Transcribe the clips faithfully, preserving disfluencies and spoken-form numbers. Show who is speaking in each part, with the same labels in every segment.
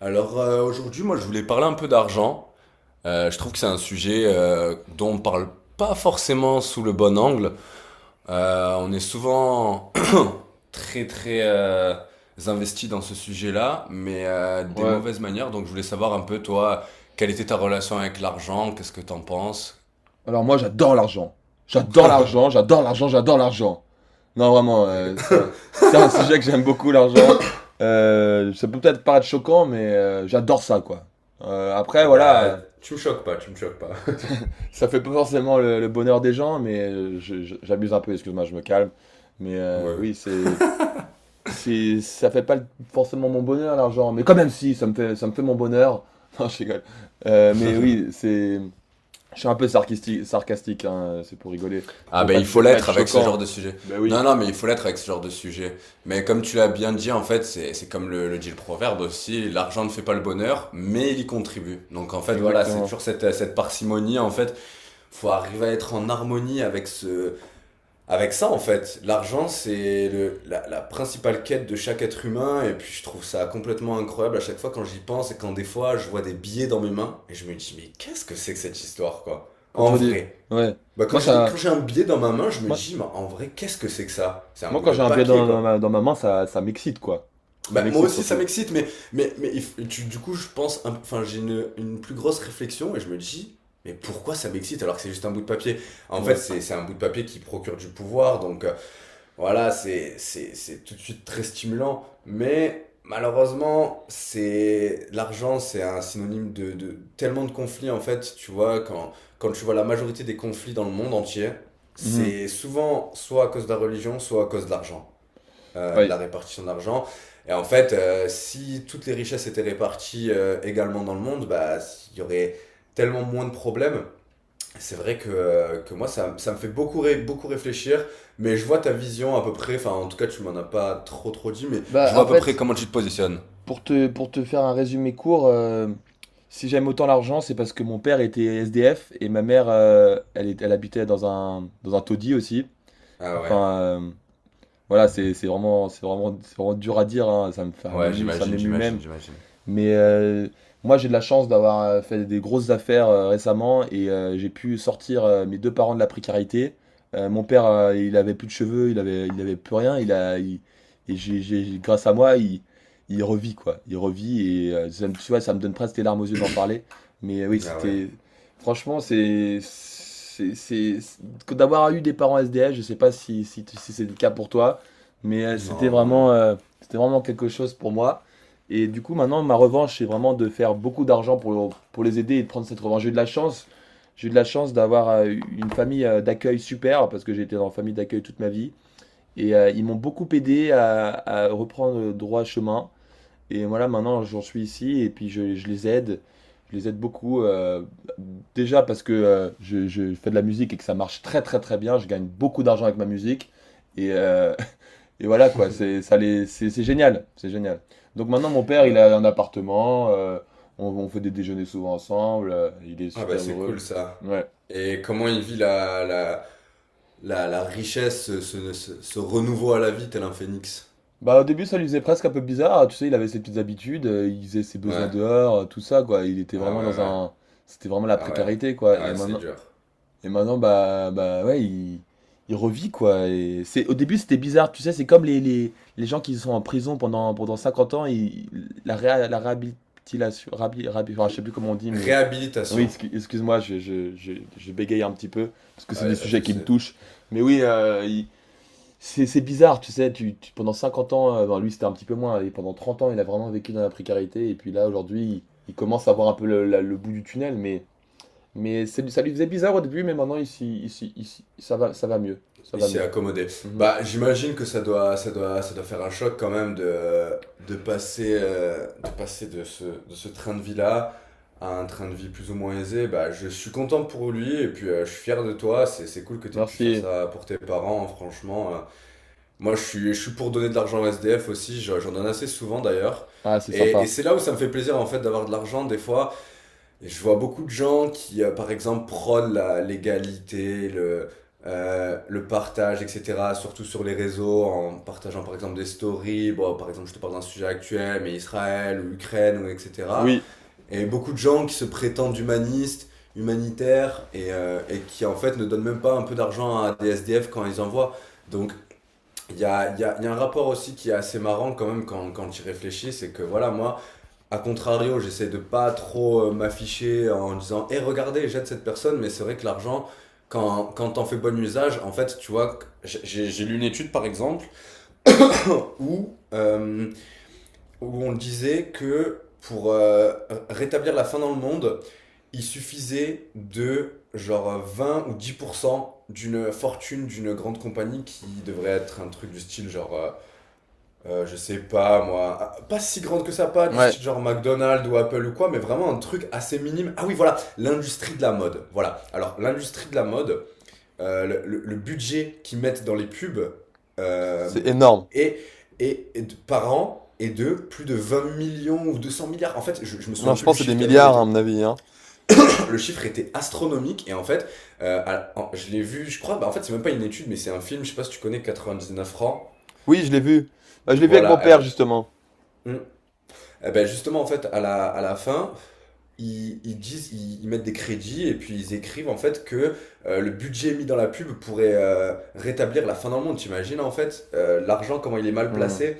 Speaker 1: Alors, euh, aujourd'hui, moi je voulais parler un peu d'argent. Euh, je trouve que c'est un sujet euh, dont on parle pas forcément sous le bon angle. Euh, on est souvent très très euh, investi dans ce sujet-là, mais euh, des
Speaker 2: Ouais.
Speaker 1: mauvaises manières. Donc je voulais savoir un peu toi, quelle était ta relation avec l'argent, qu'est-ce que t'en penses?
Speaker 2: Alors moi, j'adore l'argent. J'adore l'argent, j'adore l'argent, j'adore l'argent. Non,
Speaker 1: Ah
Speaker 2: vraiment,
Speaker 1: bah,
Speaker 2: euh, c'est un, c'est un sujet que j'aime beaucoup, l'argent. Euh, ça peut peut-être paraître choquant, mais euh, j'adore ça, quoi. Euh, après,
Speaker 1: oh
Speaker 2: voilà, euh,
Speaker 1: bah, tu me choques pas, tu me choques pas.
Speaker 2: ça fait pas forcément le, le bonheur des gens, mais euh, je- je- j'abuse un peu, excuse-moi, je me calme. Mais euh,
Speaker 1: Oui.
Speaker 2: oui, c'est, c'est, ça fait pas le- forcément mon bonheur, l'argent. Mais quand même, si, ça me fait, ça me fait mon bonheur. Non, je rigole. Euh, mais oui, c'est, je suis un peu sarcastique, sarcastique hein, c'est pour rigoler.
Speaker 1: Ah
Speaker 2: Je veux pas,
Speaker 1: ben il
Speaker 2: être- je
Speaker 1: faut
Speaker 2: veux pas être
Speaker 1: l'être avec ce genre
Speaker 2: choquant.
Speaker 1: de sujet.
Speaker 2: Ben
Speaker 1: Non,
Speaker 2: oui,
Speaker 1: non, mais il faut l'être avec ce genre de sujet. Mais comme tu l'as bien dit, en fait, c'est c'est comme le, le dit le proverbe aussi, l'argent ne fait pas le bonheur, mais il y contribue. Donc en fait, voilà, c'est
Speaker 2: exactement.
Speaker 1: toujours cette, cette parcimonie, en fait. Faut arriver à être en harmonie avec ce, avec ça, en fait. L'argent, c'est le, la, la principale quête de chaque être humain, et puis je trouve ça complètement incroyable à chaque fois quand j'y pense et quand des fois je vois des billets dans mes mains, et je me dis, mais qu'est-ce que c'est que cette histoire, quoi?
Speaker 2: Quand tu
Speaker 1: En
Speaker 2: vois des...
Speaker 1: vrai.
Speaker 2: Ouais.
Speaker 1: Bah quand
Speaker 2: Moi,
Speaker 1: j'ai des- quand
Speaker 2: ça...
Speaker 1: j'ai un billet dans ma main, je me
Speaker 2: Moi,
Speaker 1: dis, mais en vrai, qu'est-ce que c'est que ça? C'est un
Speaker 2: Moi,
Speaker 1: bout
Speaker 2: quand
Speaker 1: de
Speaker 2: j'ai un billet
Speaker 1: papier,
Speaker 2: dans, dans
Speaker 1: quoi.
Speaker 2: ma, dans ma main, ça, ça m'excite, quoi. Ça
Speaker 1: Bah moi
Speaker 2: m'excite
Speaker 1: aussi, ça
Speaker 2: surtout.
Speaker 1: m'excite, mais, mais, mais il f- tu- du coup, je pense, un- enfin, j'ai une, une plus grosse réflexion et je me dis, mais pourquoi ça m'excite alors que c'est juste un bout de papier? En fait,
Speaker 2: Ouais.
Speaker 1: c'est c'est un bout de papier qui procure du pouvoir, donc euh, voilà, c'est, c'est, c'est tout de suite très stimulant, mais malheureusement, c'est, l'argent, c'est un synonyme de, de tellement de conflits, en fait, tu vois, quand, quand tu vois la majorité des conflits dans le monde entier,
Speaker 2: Mhm.
Speaker 1: c'est souvent soit à cause de la religion, soit à cause de l'argent, euh, de la
Speaker 2: Ouais.
Speaker 1: répartition de l'argent. Et en fait, euh, si toutes les richesses étaient réparties euh, également dans le monde, bah, il y aurait tellement moins de problèmes. C'est vrai que, euh, que moi, ça, ça me fait beaucoup, ré- beaucoup réfléchir, mais je vois ta vision à peu près, enfin en tout cas tu m'en as pas trop trop dit, mais
Speaker 2: Bah,
Speaker 1: je vois à
Speaker 2: en
Speaker 1: peu près
Speaker 2: fait,
Speaker 1: comment tu te positionnes.
Speaker 2: pour te, pour te faire un résumé court, euh, si j'aime autant l'argent, c'est parce que mon père était S D F et ma mère, euh, elle, est- elle habitait dans un, dans un taudis aussi.
Speaker 1: Ah ouais.
Speaker 2: Enfin, euh, voilà, c'est c'est vraiment, c'est vraiment, c'est vraiment dur à dire, hein. Ça me fait, ça
Speaker 1: Ouais,
Speaker 2: m'émue ça
Speaker 1: j'imagine,
Speaker 2: m'émue
Speaker 1: j'imagine,
Speaker 2: même.
Speaker 1: j'imagine.
Speaker 2: Mais euh, moi, j'ai de la chance d'avoir euh, fait des grosses affaires euh, récemment et euh, j'ai pu sortir euh, mes deux parents de la précarité. Euh, mon père, euh, il avait plus de cheveux, il avait, il avait plus rien. Il a, il- et j'ai, j'ai- grâce à moi, il, il revit quoi. Il revit et euh, ça me- tu vois, ça me donne presque des larmes aux yeux d'en parler. Mais euh, oui,
Speaker 1: Ah ouais,
Speaker 2: c'était, franchement, c'est, c'est, c'est, c'est- d'avoir eu des parents S D F. Je sais pas si, si, tu- si c'est le cas pour toi, mais euh, c'était
Speaker 1: non, non, bah,
Speaker 2: vraiment, euh, c'était vraiment quelque chose pour moi. Et du coup, maintenant, ma revanche, c'est vraiment de faire beaucoup d'argent pour, pour les aider et de prendre cette revanche. J'ai eu de la chance. J'ai eu de la chance d'avoir euh, une famille euh, d'accueil super, parce que j'ai été dans une famille d'accueil toute ma vie. Et euh, ils m'ont beaucoup aidé à, à reprendre le droit chemin. Et voilà, maintenant, j'en suis ici et puis je, je les aide. Je les aide beaucoup. euh, déjà parce que euh, je, je fais de la musique et que ça marche très très très bien. Je gagne beaucoup d'argent avec ma musique. Et, euh, et voilà quoi, c'est ça les c'est c'est génial, c'est génial. Donc maintenant mon père, il a
Speaker 1: bah-
Speaker 2: un appartement, euh, on, on fait des déjeuners souvent ensemble, euh, il est
Speaker 1: ah bah
Speaker 2: super
Speaker 1: c'est
Speaker 2: heureux.
Speaker 1: cool ça.
Speaker 2: Ouais.
Speaker 1: Et comment il vit la, la, la, la richesse, ce, ce, ce- ce renouveau à la vie tel un phénix.
Speaker 2: Bah au début ça lui faisait presque un peu bizarre, tu sais, il avait ses petites habitudes, euh, il faisait ses besoins
Speaker 1: Ouais,
Speaker 2: dehors, euh, tout ça quoi, il était
Speaker 1: ah
Speaker 2: vraiment
Speaker 1: ouais,
Speaker 2: dans
Speaker 1: ouais,
Speaker 2: un c'était vraiment la
Speaker 1: ah ouais,
Speaker 2: précarité quoi.
Speaker 1: ah
Speaker 2: Et
Speaker 1: ouais, c'est
Speaker 2: maintenant
Speaker 1: dur.
Speaker 2: Et maintenant, bah, bah ouais, il, il revit quoi. Et c'est, au début, c'était bizarre, tu sais, c'est comme les, les, les gens qui sont en prison pendant, pendant cinquante ans, ils- la, réha- la réhabilitation, rabi- rabi- enfin, je sais plus comment on dit, mais oui,
Speaker 1: Réhabilitation,
Speaker 2: excu- excuse-moi, je, je, je, je bégaye un petit peu, parce que c'est
Speaker 1: ah y
Speaker 2: des
Speaker 1: a pas de
Speaker 2: sujets qui
Speaker 1: souci.
Speaker 2: me touchent. Mais oui, euh, il- c'est, c'est bizarre, tu sais, tu, tu- pendant cinquante ans, euh, ben, lui c'était un petit peu moins, et pendant trente ans, il a vraiment vécu dans la précarité, et puis là, aujourd'hui, il, il commence à voir un peu le, la- le bout du tunnel, mais mais c'est- ça lui faisait bizarre au début, mais maintenant, ici, ici, ici, ça va, ça va mieux. Ça
Speaker 1: Il
Speaker 2: va
Speaker 1: s'est
Speaker 2: mieux.
Speaker 1: accommodé.
Speaker 2: Mhm.
Speaker 1: Bah, j'imagine que ça doit, ça doit, ça doit faire un choc quand même de, de passer, euh, de, passer de, ce, de ce train de vie-là à un train de vie plus ou moins aisé. Bah, je suis content pour lui et puis euh, je suis fier de toi. C'est, c'est cool que tu aies pu faire
Speaker 2: Merci.
Speaker 1: ça pour tes parents, hein, franchement. euh. Moi, je suis, je suis pour donner de l'argent au S D F aussi. J'en j'en donne assez souvent d'ailleurs.
Speaker 2: Ah, c'est
Speaker 1: Et, et
Speaker 2: sympa.
Speaker 1: c'est là où ça me fait plaisir en fait d'avoir de l'argent des fois. Et je vois beaucoup de gens qui, euh, par exemple, prônent la l'égalité, le, euh, le partage, et cetera, surtout sur les réseaux, en partageant, par exemple, des stories. Bon, par exemple, je te parle d'un sujet actuel, mais Israël ou Ukraine, ou et cetera.
Speaker 2: Oui,
Speaker 1: Et beaucoup de gens qui se prétendent humanistes, humanitaires, et, euh, et qui, en fait, ne donnent même pas un peu d'argent à des S D F quand ils en voient. Donc, il y a, il y a, il y a un rapport aussi qui est assez marrant quand même quand, quand tu y réfléchis, c'est que voilà, moi, a contrario, j'essaie de pas trop euh, m'afficher en disant: Eh, regardez, j'aide cette personne, mais c'est vrai que l'argent, quand, quand t'en fais bon usage, en fait, tu vois, j'ai- j'ai j'ai lu une étude par exemple où, euh, où on disait que pour euh, rétablir la faim dans le monde, il suffisait de genre vingt ou dix pour cent d'une fortune d'une grande compagnie qui devrait être un truc du style genre euh, euh, je sais pas moi, ah, pas si grande que ça, pas du
Speaker 2: ouais,
Speaker 1: style genre McDonald's ou Apple ou quoi, mais vraiment un truc assez minime. Ah oui, voilà, l'industrie de la mode. Voilà. Alors, l'industrie de la mode, euh, le, le- le budget qu'ils mettent dans les pubs euh,
Speaker 2: c'est énorme.
Speaker 1: est, est- est de- par an est de plus de vingt millions ou deux cents milliards. En fait, je, je me
Speaker 2: Non,
Speaker 1: souviens
Speaker 2: je
Speaker 1: plus
Speaker 2: pense
Speaker 1: du
Speaker 2: que c'est des
Speaker 1: chiffre tellement il
Speaker 2: milliards, hein, à
Speaker 1: était.
Speaker 2: mon avis, hein.
Speaker 1: Le chiffre était astronomique et en fait, euh, à- en- je l'ai vu, je crois, bah en fait, c'est même pas une étude, mais c'est un film, je sais pas si tu connais quatre-vingt-dix-neuf francs.
Speaker 2: Oui, je l'ai vu. Bah, je l'ai vu avec mon
Speaker 1: Voilà, eh
Speaker 2: père,
Speaker 1: ben,
Speaker 2: justement.
Speaker 1: hmm, eh ben justement, en fait, à la, à la fin, ils, ils disent, ils, ils mettent des crédits et puis ils écrivent en fait que euh, le budget mis dans la pub pourrait euh, rétablir la fin dans le monde. T'imagines en fait euh, l'argent, comment il est mal
Speaker 2: Hmm,
Speaker 1: placé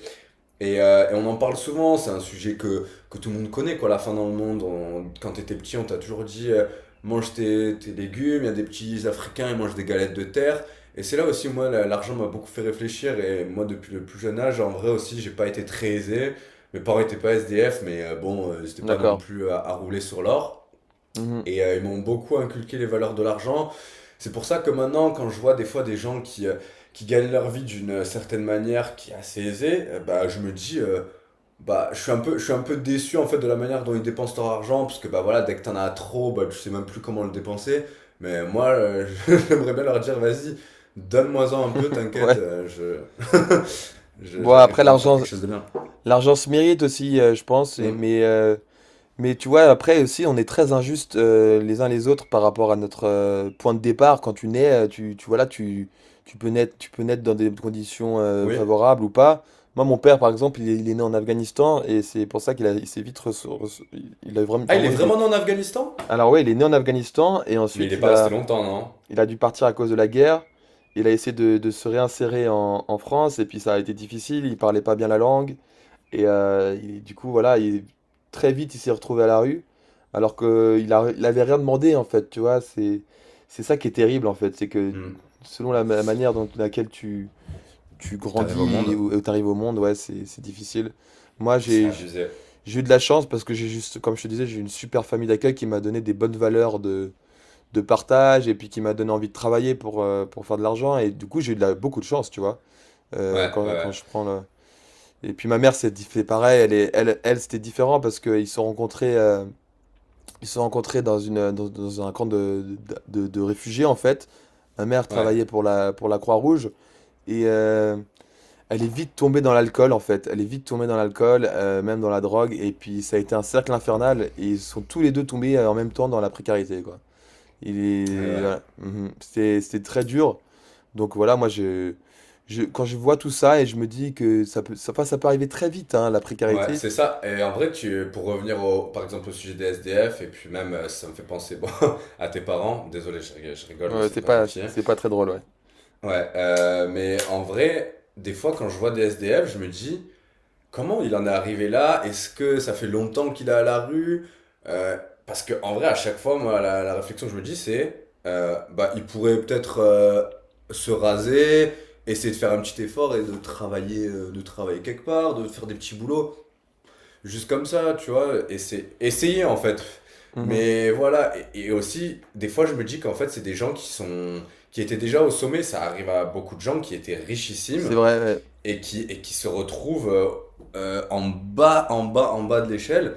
Speaker 1: et, euh, et on en parle souvent, c'est un sujet que, que tout le monde connaît, quoi. La faim dans le monde, on- quand t'étais petit, on t'a toujours dit euh, mange tes, tes légumes, il y a des petits Africains, ils mangent des galettes de terre. Et c'est là aussi, moi, la- l'argent m'a beaucoup fait réfléchir. Et moi, depuis le plus jeune âge, en vrai aussi, j'ai pas été très aisé. Mes parents étaient pas S D F, mais euh, bon, euh, c'était pas non
Speaker 2: d'accord.
Speaker 1: plus euh, à, à rouler sur l'or.
Speaker 2: Mhm.
Speaker 1: Et euh, ils m'ont beaucoup inculqué les valeurs de l'argent. C'est pour ça que maintenant, quand je vois des fois des gens qui, euh, qui gagnent leur vie d'une euh, certaine manière qui est assez aisée, euh, bah, je me dis, euh, bah, je suis un peu, je suis un peu déçu en fait de la manière dont ils dépensent leur argent, parce que bah voilà, dès que t'en as trop, bah tu sais même plus comment le dépenser. Mais moi, euh, j'aimerais bien leur dire, vas-y, donne-moi-en un peu, t'inquiète,
Speaker 2: Ouais.
Speaker 1: euh, je... je-
Speaker 2: Bon, après,
Speaker 1: j'arriverai à en faire
Speaker 2: l'argent,
Speaker 1: quelque chose de bien.
Speaker 2: l'argent se mérite aussi, euh, je pense, et-
Speaker 1: Hmm.
Speaker 2: mais euh, mais tu vois, après aussi, on est très injuste euh, les uns les autres par rapport à notre euh, point de départ. Quand tu nais, euh, tu, tu, voilà, tu, tu peux naître, tu peux naître dans des conditions euh,
Speaker 1: Oui.
Speaker 2: favorables ou pas. Moi, mon père, par exemple, il est, il est né en Afghanistan et c'est pour ça qu'il a, il s'est vite reço- reço- il a vraiment,
Speaker 1: Ah, il est
Speaker 2: vraiment eu des.
Speaker 1: vraiment né en Afghanistan?
Speaker 2: Alors ouais, il est né en Afghanistan et
Speaker 1: Mais il
Speaker 2: ensuite
Speaker 1: est
Speaker 2: il
Speaker 1: pas resté
Speaker 2: a,
Speaker 1: longtemps, non?
Speaker 2: il a dû partir à cause de la guerre. Il a essayé de, de se réinsérer en, en France et puis ça a été difficile. Il parlait pas bien la langue. Et euh, il- du coup, voilà, il- très vite, il s'est retrouvé à la rue, alors qu'il a, il avait rien demandé, en fait, tu vois. C'est, c'est ça qui est terrible, en fait. C'est que
Speaker 1: Hmm.
Speaker 2: selon la, ma- manière dont laquelle tu, tu
Speaker 1: T'arrives au
Speaker 2: grandis et
Speaker 1: monde?
Speaker 2: où tu arrives au monde, ouais, c'est, c'est difficile. Moi,
Speaker 1: C'est
Speaker 2: j'ai, j'-
Speaker 1: abusé.
Speaker 2: j'ai eu de la chance parce que j'ai juste, comme je te disais, j'ai eu une super famille d'accueil qui m'a donné des bonnes valeurs de, de partage et puis qui m'a donné envie de travailler pour, euh, pour faire de l'argent. Et du coup, j'ai eu de la- beaucoup de chance, tu vois. Euh,
Speaker 1: Ouais,
Speaker 2: quand, quand
Speaker 1: ouais,
Speaker 2: je prends le, et puis ma mère s'est dit- fait pareil, elle est, elle, elle c'était différent parce qu'ils se sont rencontrés, euh, ils se sont rencontrés dans une, dans, dans un camp de, de, de- de réfugiés en fait. Ma mère
Speaker 1: ouais,
Speaker 2: travaillait
Speaker 1: ouais,
Speaker 2: pour la, pour la Croix-Rouge et euh, elle est vite tombée dans l'alcool en fait. Elle est vite tombée dans l'alcool, euh, même dans la drogue. Et puis ça a été un cercle infernal et ils sont tous les deux tombés euh, en même temps dans la précarité quoi. Il
Speaker 1: ouais.
Speaker 2: est,
Speaker 1: Ouais.
Speaker 2: voilà. Mhm. C'était, c'était très dur. Donc voilà, moi je, je, quand je vois tout ça et je me dis que ça peut, ça, enfin, ça peut arriver très vite hein, la
Speaker 1: Ouais,
Speaker 2: précarité.
Speaker 1: c'est ça. Et en vrai, tu, pour revenir au, par exemple au sujet des S D F, et puis même, euh, ça me fait penser bon, à tes parents. Désolé, je, rig- je rigole, mais
Speaker 2: Ouais,
Speaker 1: c'est
Speaker 2: c'est
Speaker 1: pas
Speaker 2: pas,
Speaker 1: gentil,
Speaker 2: c'est
Speaker 1: hein.
Speaker 2: c'est pas très drôle, ouais.
Speaker 1: Ouais, euh, mais en vrai, des fois, quand je vois des S D F, je me dis, comment il en est arrivé là? Est-ce que ça fait longtemps qu'il est à la rue? Euh, parce que en vrai, à chaque fois, moi, la, la réflexion que je me dis, c'est, euh, bah, il pourrait peut-être euh, se raser, essayer de faire un petit effort et de travailler, euh, de travailler, quelque part, de faire des petits boulots. Juste comme ça, tu vois, essayer, essayer en fait.
Speaker 2: Mhm.
Speaker 1: Mais voilà, et, et aussi, des fois, je me dis qu'en fait, c'est des gens qui sont, qui étaient déjà au sommet. Ça arrive à beaucoup de gens qui étaient richissimes
Speaker 2: C'est vrai, ouais.
Speaker 1: et qui, et qui se retrouvent euh, euh, en bas, en bas, en bas de l'échelle.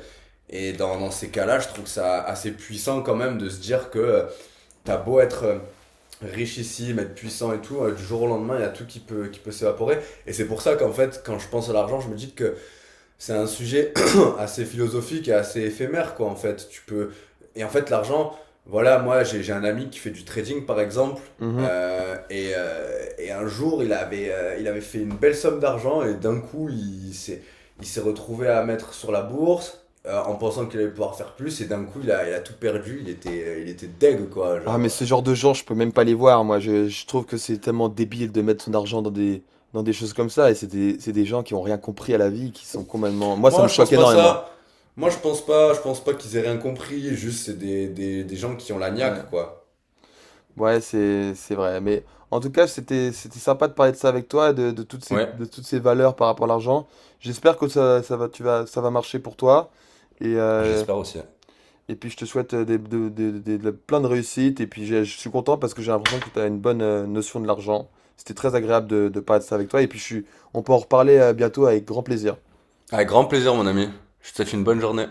Speaker 1: Et dans, dans ces cas-là, je trouve ça assez puissant quand même de se dire que euh, t'as beau être euh, richissime, être puissant et tout, euh, du jour au lendemain, il y a tout qui peut, qui peut s'évaporer. Et c'est pour ça qu'en fait, quand je pense à l'argent, je me dis que c'est un sujet assez philosophique et assez éphémère, quoi, en fait. Tu peux... Et en fait, l'argent, voilà, moi, j'ai j'ai un ami qui fait du trading, par exemple,
Speaker 2: Mhm.
Speaker 1: euh, et, euh, et un jour, il avait, euh, il avait fait une belle somme d'argent et d'un coup, il s'est, il s'est retrouvé à mettre sur la bourse euh, en pensant qu'il allait pouvoir faire plus et d'un coup, il a, il a tout perdu, il était, il était deg, quoi,
Speaker 2: Ah, mais
Speaker 1: genre. euh.
Speaker 2: ce genre de gens, je peux même pas les voir, moi. Je, je trouve que c'est tellement débile de mettre son argent dans des, dans des choses comme ça. Et c'est des, c'est des gens qui ont rien compris à la vie, qui sont complètement... Moi, ça
Speaker 1: Moi,
Speaker 2: me
Speaker 1: je
Speaker 2: choque
Speaker 1: pense pas
Speaker 2: énormément.
Speaker 1: ça.
Speaker 2: Mm,
Speaker 1: Moi, je pense pas, je pense pas, qu'ils aient rien compris, juste c'est des, des, des gens qui ont la
Speaker 2: ouais,
Speaker 1: niaque, quoi.
Speaker 2: ouais, c'est, c'est vrai. Mais en tout cas, c'était, c'était sympa de parler de ça avec toi, de, de toutes ces,
Speaker 1: Ouais,
Speaker 2: de toutes ces valeurs par rapport à l'argent. J'espère que ça, ça va, tu vas, ça va marcher pour toi. Et, euh,
Speaker 1: j'espère aussi.
Speaker 2: et puis je te souhaite euh, des- de- de- de- de- plein de réussite. Et puis j'ai- je suis content parce que j'ai l'impression que tu as une bonne euh, notion de l'argent. C'était très agréable de, de parler de ça avec toi. Et puis je suis, on peut en reparler euh, bientôt avec grand plaisir.
Speaker 1: Avec grand plaisir, mon ami. Je te souhaite une bonne journée.